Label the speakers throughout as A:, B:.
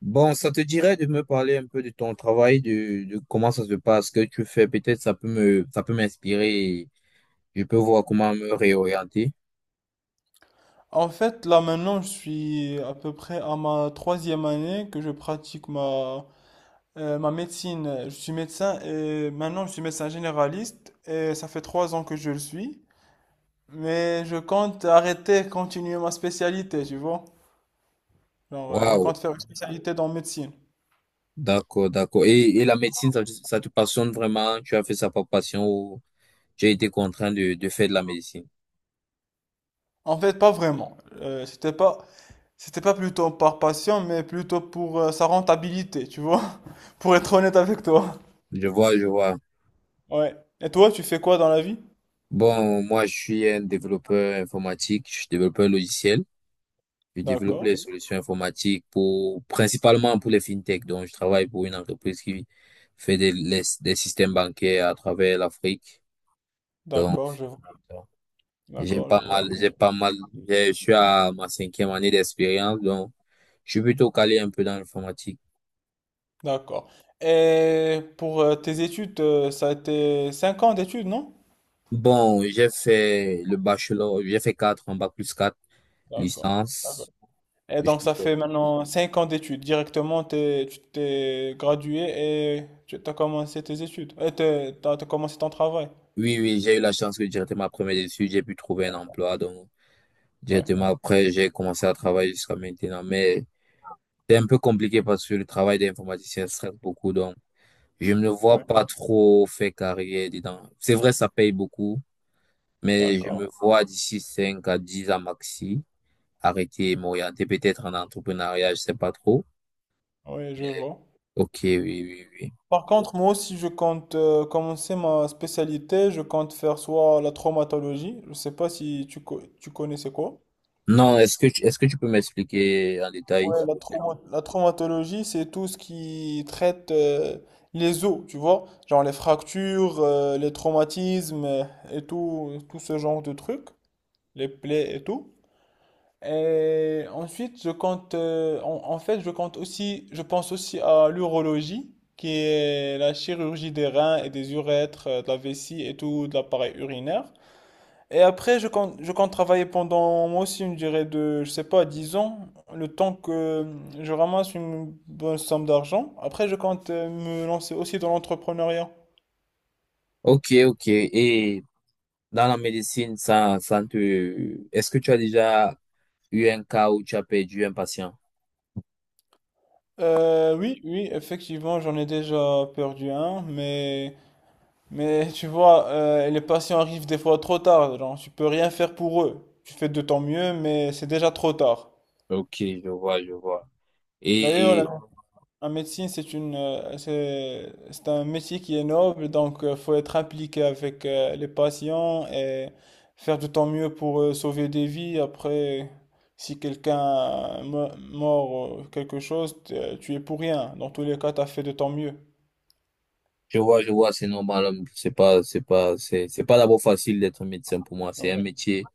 A: Bon, ça te dirait de me parler un peu de ton travail, de comment ça se passe, ce que tu fais, peut-être ça peut m'inspirer et je peux voir comment me réorienter.
B: En fait, là maintenant, je suis à peu près à ma 3e année que je pratique ma médecine. Je suis médecin et maintenant je suis médecin généraliste et ça fait 3 ans que je le suis. Mais je compte arrêter, continuer ma spécialité, tu vois. Je
A: Waouh,
B: compte faire une spécialité dans médecine.
A: d'accord, d'accord. Et la médecine, ça te passionne vraiment? Tu as fait ça par passion ou tu as été contraint de faire de la médecine?
B: En fait, pas vraiment. C'était pas plutôt par passion, mais plutôt pour sa rentabilité, tu vois. Pour être honnête avec toi.
A: Je vois, je vois.
B: Ouais. Et toi, tu fais quoi dans la vie?
A: Bon, moi, je suis un développeur informatique, je suis développeur logiciel. Je développe les, ok,
B: D'accord,
A: solutions informatiques pour, principalement pour les fintech. Donc, je travaille pour une entreprise qui fait des systèmes bancaires à travers l'Afrique. Donc,
B: d'accord, je vois.
A: j'ai
B: D'accord, je
A: pas
B: vois.
A: mal, j'ai pas mal, je suis à ma cinquième année d'expérience. Donc, je suis plutôt calé un peu dans l'informatique.
B: D'accord. Et pour tes études, ça a été 5 ans d'études, non?
A: Bon, j'ai fait le bachelor, j'ai fait 4 en bac plus 4
B: D'accord. D'accord.
A: licence.
B: Et
A: Je
B: donc,
A: suis
B: ça fait maintenant 5 ans d'études. Directement, tu t'es gradué et tu as commencé tes études. Et t'as commencé ton travail.
A: Oui, oui, j'ai eu la chance que directement après mes études, j'ai pu trouver un emploi. Donc,
B: Ouais,
A: directement après, j'ai commencé à travailler jusqu'à maintenant. Mais c'est un peu compliqué parce que le travail d'informaticien stresse beaucoup. Donc, je ne me vois
B: ouais.
A: pas trop faire carrière dedans. C'est vrai, ça paye beaucoup, mais je
B: D'accord.
A: me vois d'ici 5 à 10 ans maxi arrêter et m'orienter peut-être en entrepreneuriat, je sais pas trop.
B: Oui, je vois.
A: Ok, oui, oui, oui.
B: Par contre, moi aussi, je compte commencer ma spécialité. Je compte faire soit la traumatologie. Je sais pas si tu connais c'est quoi.
A: Non, est-ce que tu peux m'expliquer en détail?
B: Ouais, la traumatologie, c'est tout ce qui traite les os, tu vois, genre les fractures, les traumatismes et tout, tout ce genre de trucs, les plaies et tout. Et ensuite, je compte, en, en fait, je compte aussi, je pense aussi à l'urologie, qui est la chirurgie des reins et des urètres, de la vessie et tout, de l'appareil urinaire. Et après, je compte travailler pendant, moi aussi, une durée de, je sais pas, 10 ans, le temps que je ramasse une bonne somme d'argent. Après, je compte me lancer aussi dans l'entrepreneuriat.
A: Ok, ok. Et dans la médecine, ça ne te... Est-ce que tu as déjà eu un cas où tu as perdu un patient?
B: Oui, oui, effectivement, j'en ai déjà perdu un, mais tu vois, les patients arrivent des fois trop tard, genre, tu peux rien faire pour eux. Tu fais de ton mieux, mais c'est déjà trop tard.
A: Ok, je vois, je vois.
B: D'ailleurs, la
A: Et
B: Un médecin, c'est un métier qui est noble, donc il faut être impliqué avec les patients et faire de ton mieux pour sauver des vies. Après, si quelqu'un mort quelque chose, tu es pour rien. Dans tous les cas, tu as fait de ton mieux.
A: je vois, c'est normal, hein. C'est pas d'abord facile d'être médecin pour moi. C'est un
B: Ouais.
A: métier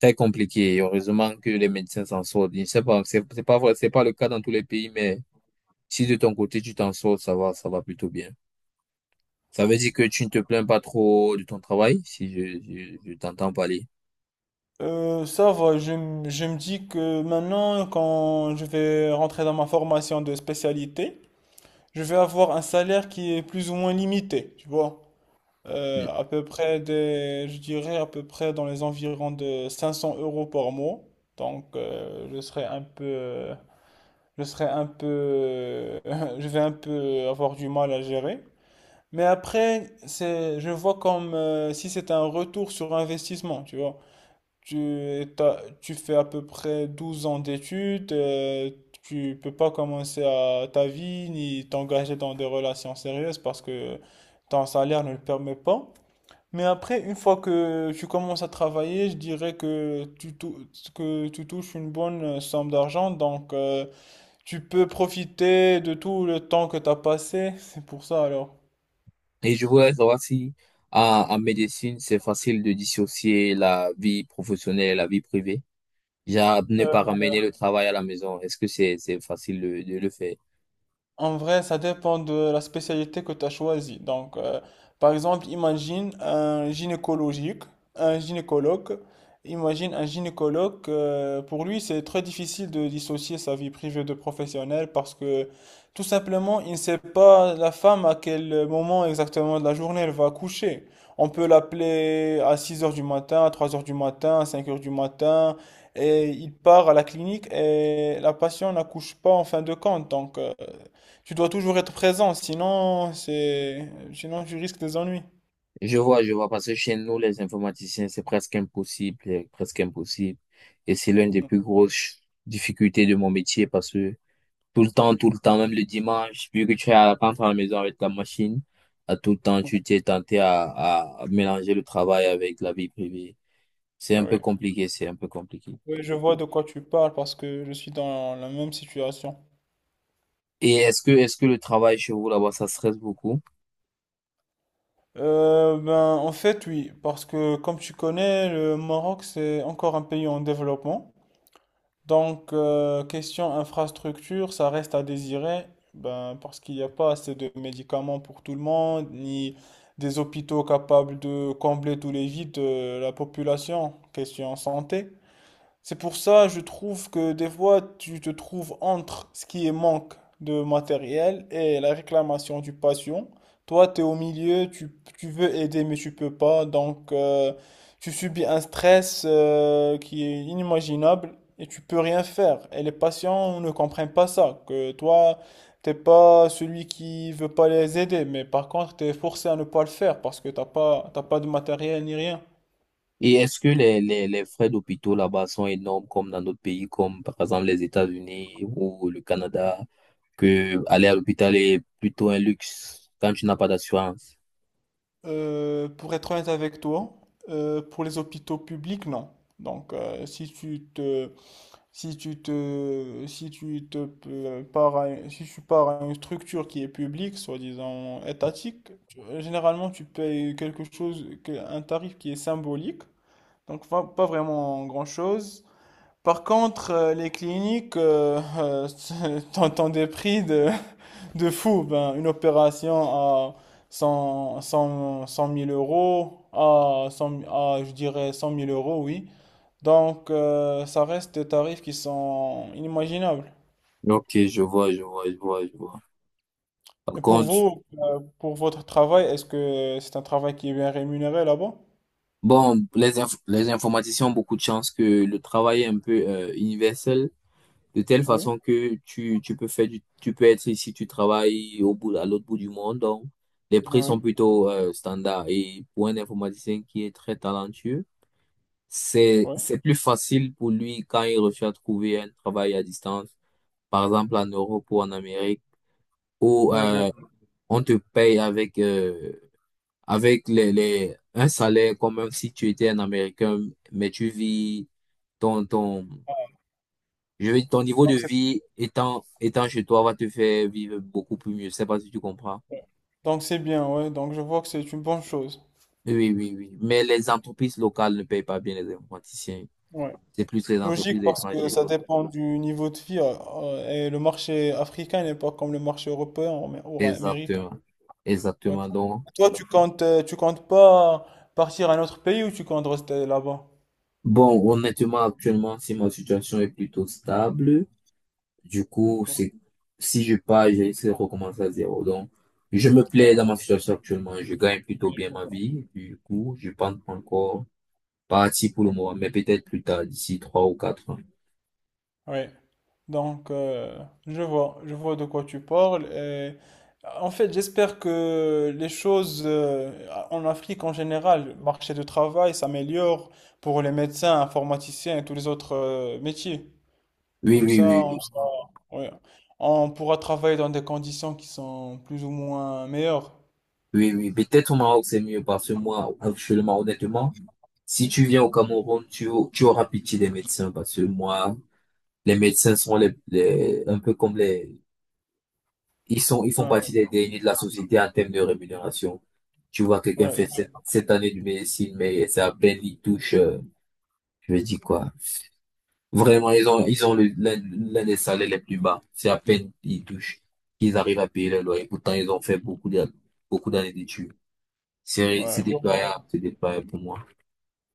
A: très compliqué. Et heureusement que les médecins s'en sortent. Je sais pas, c'est pas vrai, c'est pas le cas dans tous les pays, mais si de ton côté tu t'en sors, ça va plutôt bien. Ça veut dire que tu ne te plains pas trop de ton travail, si je t'entends parler.
B: Ça va, je me dis que maintenant, quand je vais rentrer dans ma formation de spécialité, je vais avoir un salaire qui est plus ou moins limité, tu vois. À peu près des, je dirais à peu près dans les environs de 500 euros par mois. Donc, euh, je serai un peu, je serai un peu, je vais un peu avoir du mal à gérer. Je vois comme si c'est un retour sur investissement, tu vois. Tu fais à peu près 12 ans d'études, tu peux pas commencer à ta vie ni t'engager dans des relations sérieuses parce que ton salaire ne le permet pas. Mais après, une fois que tu commences à travailler, je dirais que que tu touches une bonne somme d'argent, donc tu peux profiter de tout le temps que tu as passé. C'est pour ça alors.
A: Et je voulais savoir si en, en médecine, c'est facile de dissocier la vie professionnelle et la vie privée. Genre, ne
B: Euh,
A: pas ramener le travail à la maison. Est-ce que c'est facile de le faire?
B: En vrai, ça dépend de la spécialité que tu as choisie. Par exemple, un gynécologue. Imagine un gynécologue, pour lui, c'est très difficile de dissocier sa vie privée de professionnelle parce que tout simplement, il ne sait pas la femme à quel moment exactement de la journée elle va coucher. On peut l'appeler à 6 heures du matin, à 3 heures du matin, à 5 heures du matin, et il part à la clinique et la patiente n'accouche pas en fin de compte. Tu dois toujours être présent, sinon tu risques des ennuis.
A: Je vois, parce que chez nous, les informaticiens, c'est presque impossible, c'est presque impossible. Et c'est l'une des
B: Non.
A: plus grosses difficultés de mon métier parce que tout le temps, même le dimanche, vu que tu es à rentrer à la maison avec la machine, à tout le temps,
B: Ouais.
A: tu t'es tenté à mélanger le travail avec la vie privée. C'est
B: Ah
A: un peu
B: oui,
A: compliqué, c'est un peu compliqué.
B: oui, je vois de quoi tu parles parce que je suis dans la même situation.
A: Et est-ce que le travail chez vous là-bas, ça stresse beaucoup?
B: En fait, oui, parce que comme tu connais, le Maroc, c'est encore un pays en développement. Question infrastructure, ça reste à désirer, ben, parce qu'il n'y a pas assez de médicaments pour tout le monde, ni des hôpitaux capables de combler tous les vides de la population. Question santé. C'est pour ça, je trouve que des fois, tu te trouves entre ce qui est manque de matériel et la réclamation du patient. Toi, tu es au milieu, tu veux aider, mais tu peux pas. Tu subis un stress qui est inimaginable et tu peux rien faire. Et les patients ne comprennent pas ça, que toi, t'es pas celui qui veut pas les aider, mais par contre, tu es forcé à ne pas le faire parce que t'as pas de matériel ni rien.
A: Et est-ce que les frais d'hôpitaux là-bas sont énormes comme dans d'autres pays, comme par exemple les États-Unis ou le Canada, que aller à l'hôpital est plutôt un luxe quand tu n'as pas d'assurance?
B: Pour être honnête avec toi, pour les hôpitaux publics, non. Donc, euh, si tu te, si tu te si tu pars à une structure qui est publique, soi-disant étatique, généralement tu payes quelque chose, un tarif qui est symbolique, donc pas vraiment grand-chose. Par contre, les cliniques, t'entends des prix de fou, ben, une opération à 100 000 euros, je dirais 100 000 euros, oui. Ça reste des tarifs qui sont inimaginables.
A: Ok, je vois, je vois, je vois, je vois. Par
B: Et pour
A: contre,
B: vous, pour votre travail, est-ce que c'est un travail qui est bien rémunéré là-bas?
A: bon, les informaticiens ont beaucoup de chance que le travail est un peu universel. De telle
B: Oui,
A: façon que tu peux faire tu peux être ici, tu travailles au bout, à l'autre bout du monde. Donc, les prix
B: ah
A: sont
B: oui,
A: plutôt standards. Et pour un informaticien qui est très talentueux, c'est,
B: ouais,
A: c'est plus facile pour lui quand il recherche à trouver un travail à distance, par exemple en Europe ou en Amérique, où
B: ouais, je...
A: on te paye avec, avec un salaire comme si tu étais un Américain, mais tu vis ton, ton, ton niveau de
B: Donc
A: vie étant chez toi va te faire vivre beaucoup plus mieux. Je sais pas si tu comprends.
B: c'est bien, ouais, donc je vois que c'est une bonne chose.
A: Oui, oui, oui, oui. Mais les entreprises locales ne payent pas bien les informaticiens.
B: Ouais.
A: C'est plus les
B: Logique
A: entreprises
B: parce que
A: étrangères.
B: ça dépend du niveau de vie et le marché africain n'est pas comme le marché européen ou ou américain.
A: Exactement.
B: Ouais.
A: Exactement. Donc,
B: Toi, tu comptes pas partir à un autre pays ou tu comptes rester là-bas?
A: bon, honnêtement, actuellement, si ma situation est plutôt stable, du coup, c'est, si je pars, je risque de recommencer à zéro. Donc, je me plais dans
B: D'a-
A: ma situation actuellement. Je gagne plutôt bien
B: Oui.
A: ma vie. Du coup, je pense pas encore parti pour le
B: Oui.
A: moment, mais peut-être plus tard, d'ici 3 ou 4 ans.
B: Oui. Donc, euh, je vois de quoi tu parles. Et en fait, j'espère que les choses en Afrique en général, le marché du travail s'améliore pour les médecins, informaticiens et tous les autres métiers.
A: Oui,
B: Comme
A: oui,
B: ça, on
A: oui,
B: sera- ouais. On pourra travailler dans des conditions qui sont plus ou moins meilleures.
A: oui, oui, oui. Peut-être au Maroc, c'est mieux parce que moi, actuellement, honnêtement, si tu viens au Cameroun, tu auras pitié des médecins parce que moi, les médecins sont les- un peu comme les, ils sont, ils font
B: Ouais,
A: partie des derniers de la société en termes de rémunération. Tu vois, quelqu'un fait
B: ouais,
A: sept années de médecine, mais c'est à peine il touche, je veux dire quoi. Vraiment, ils ont l'un des salaires les plus bas. C'est à peine ils touchent qu'ils arrivent à payer leur loyer. Pourtant, ils ont fait beaucoup d'années d'études. C'est
B: ouais. Donc,
A: déployable, c'est déployable pour moi.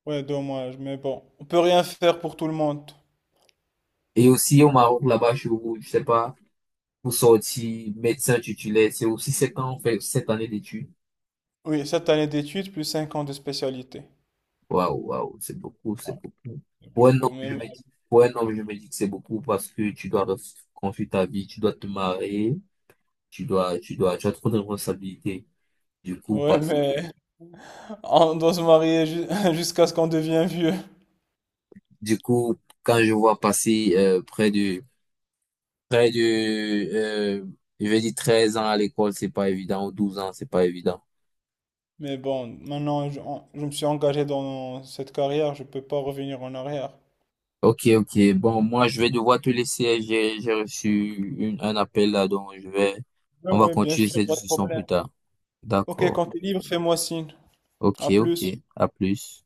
B: ouais, dommage, mais bon, on peut rien faire pour tout le monde.
A: Et aussi au Maroc, là-bas, je sais pas, pour sortir médecin titulaire, c'est aussi 7 ans, fait 7 années d'études.
B: Oui, 7 années d'études plus 5 ans de spécialité.
A: Waouh, waouh, c'est beaucoup, c'est beaucoup.
B: C'est
A: Pour un
B: beaucoup,
A: homme,
B: mais
A: je
B: bon.
A: me dis, pour un homme, je me dis que c'est beaucoup parce que tu dois construire ta vie, tu dois te marier, tu as trop de responsabilités. Du coup, pas-
B: Ouais, mais on doit se marier jusqu'à ce qu'on devienne vieux.
A: du coup, quand je vois passer près de, euh, je vais dire 13 ans à l'école, c'est pas évident, ou 12 ans, c'est pas évident.
B: Mais bon, maintenant, je me suis engagé dans cette carrière, je peux pas revenir en arrière.
A: Ok, ok. Bon, moi, je vais devoir te laisser. J'ai reçu un appel là, donc je vais,
B: Ouais,
A: on va
B: ouais, bien
A: continuer
B: sûr,
A: cette
B: pas de
A: discussion plus
B: problème.
A: tard.
B: Ok,
A: D'accord.
B: quand t'es libre, fais-moi signe.
A: Ok,
B: À
A: ok.
B: plus.
A: À plus.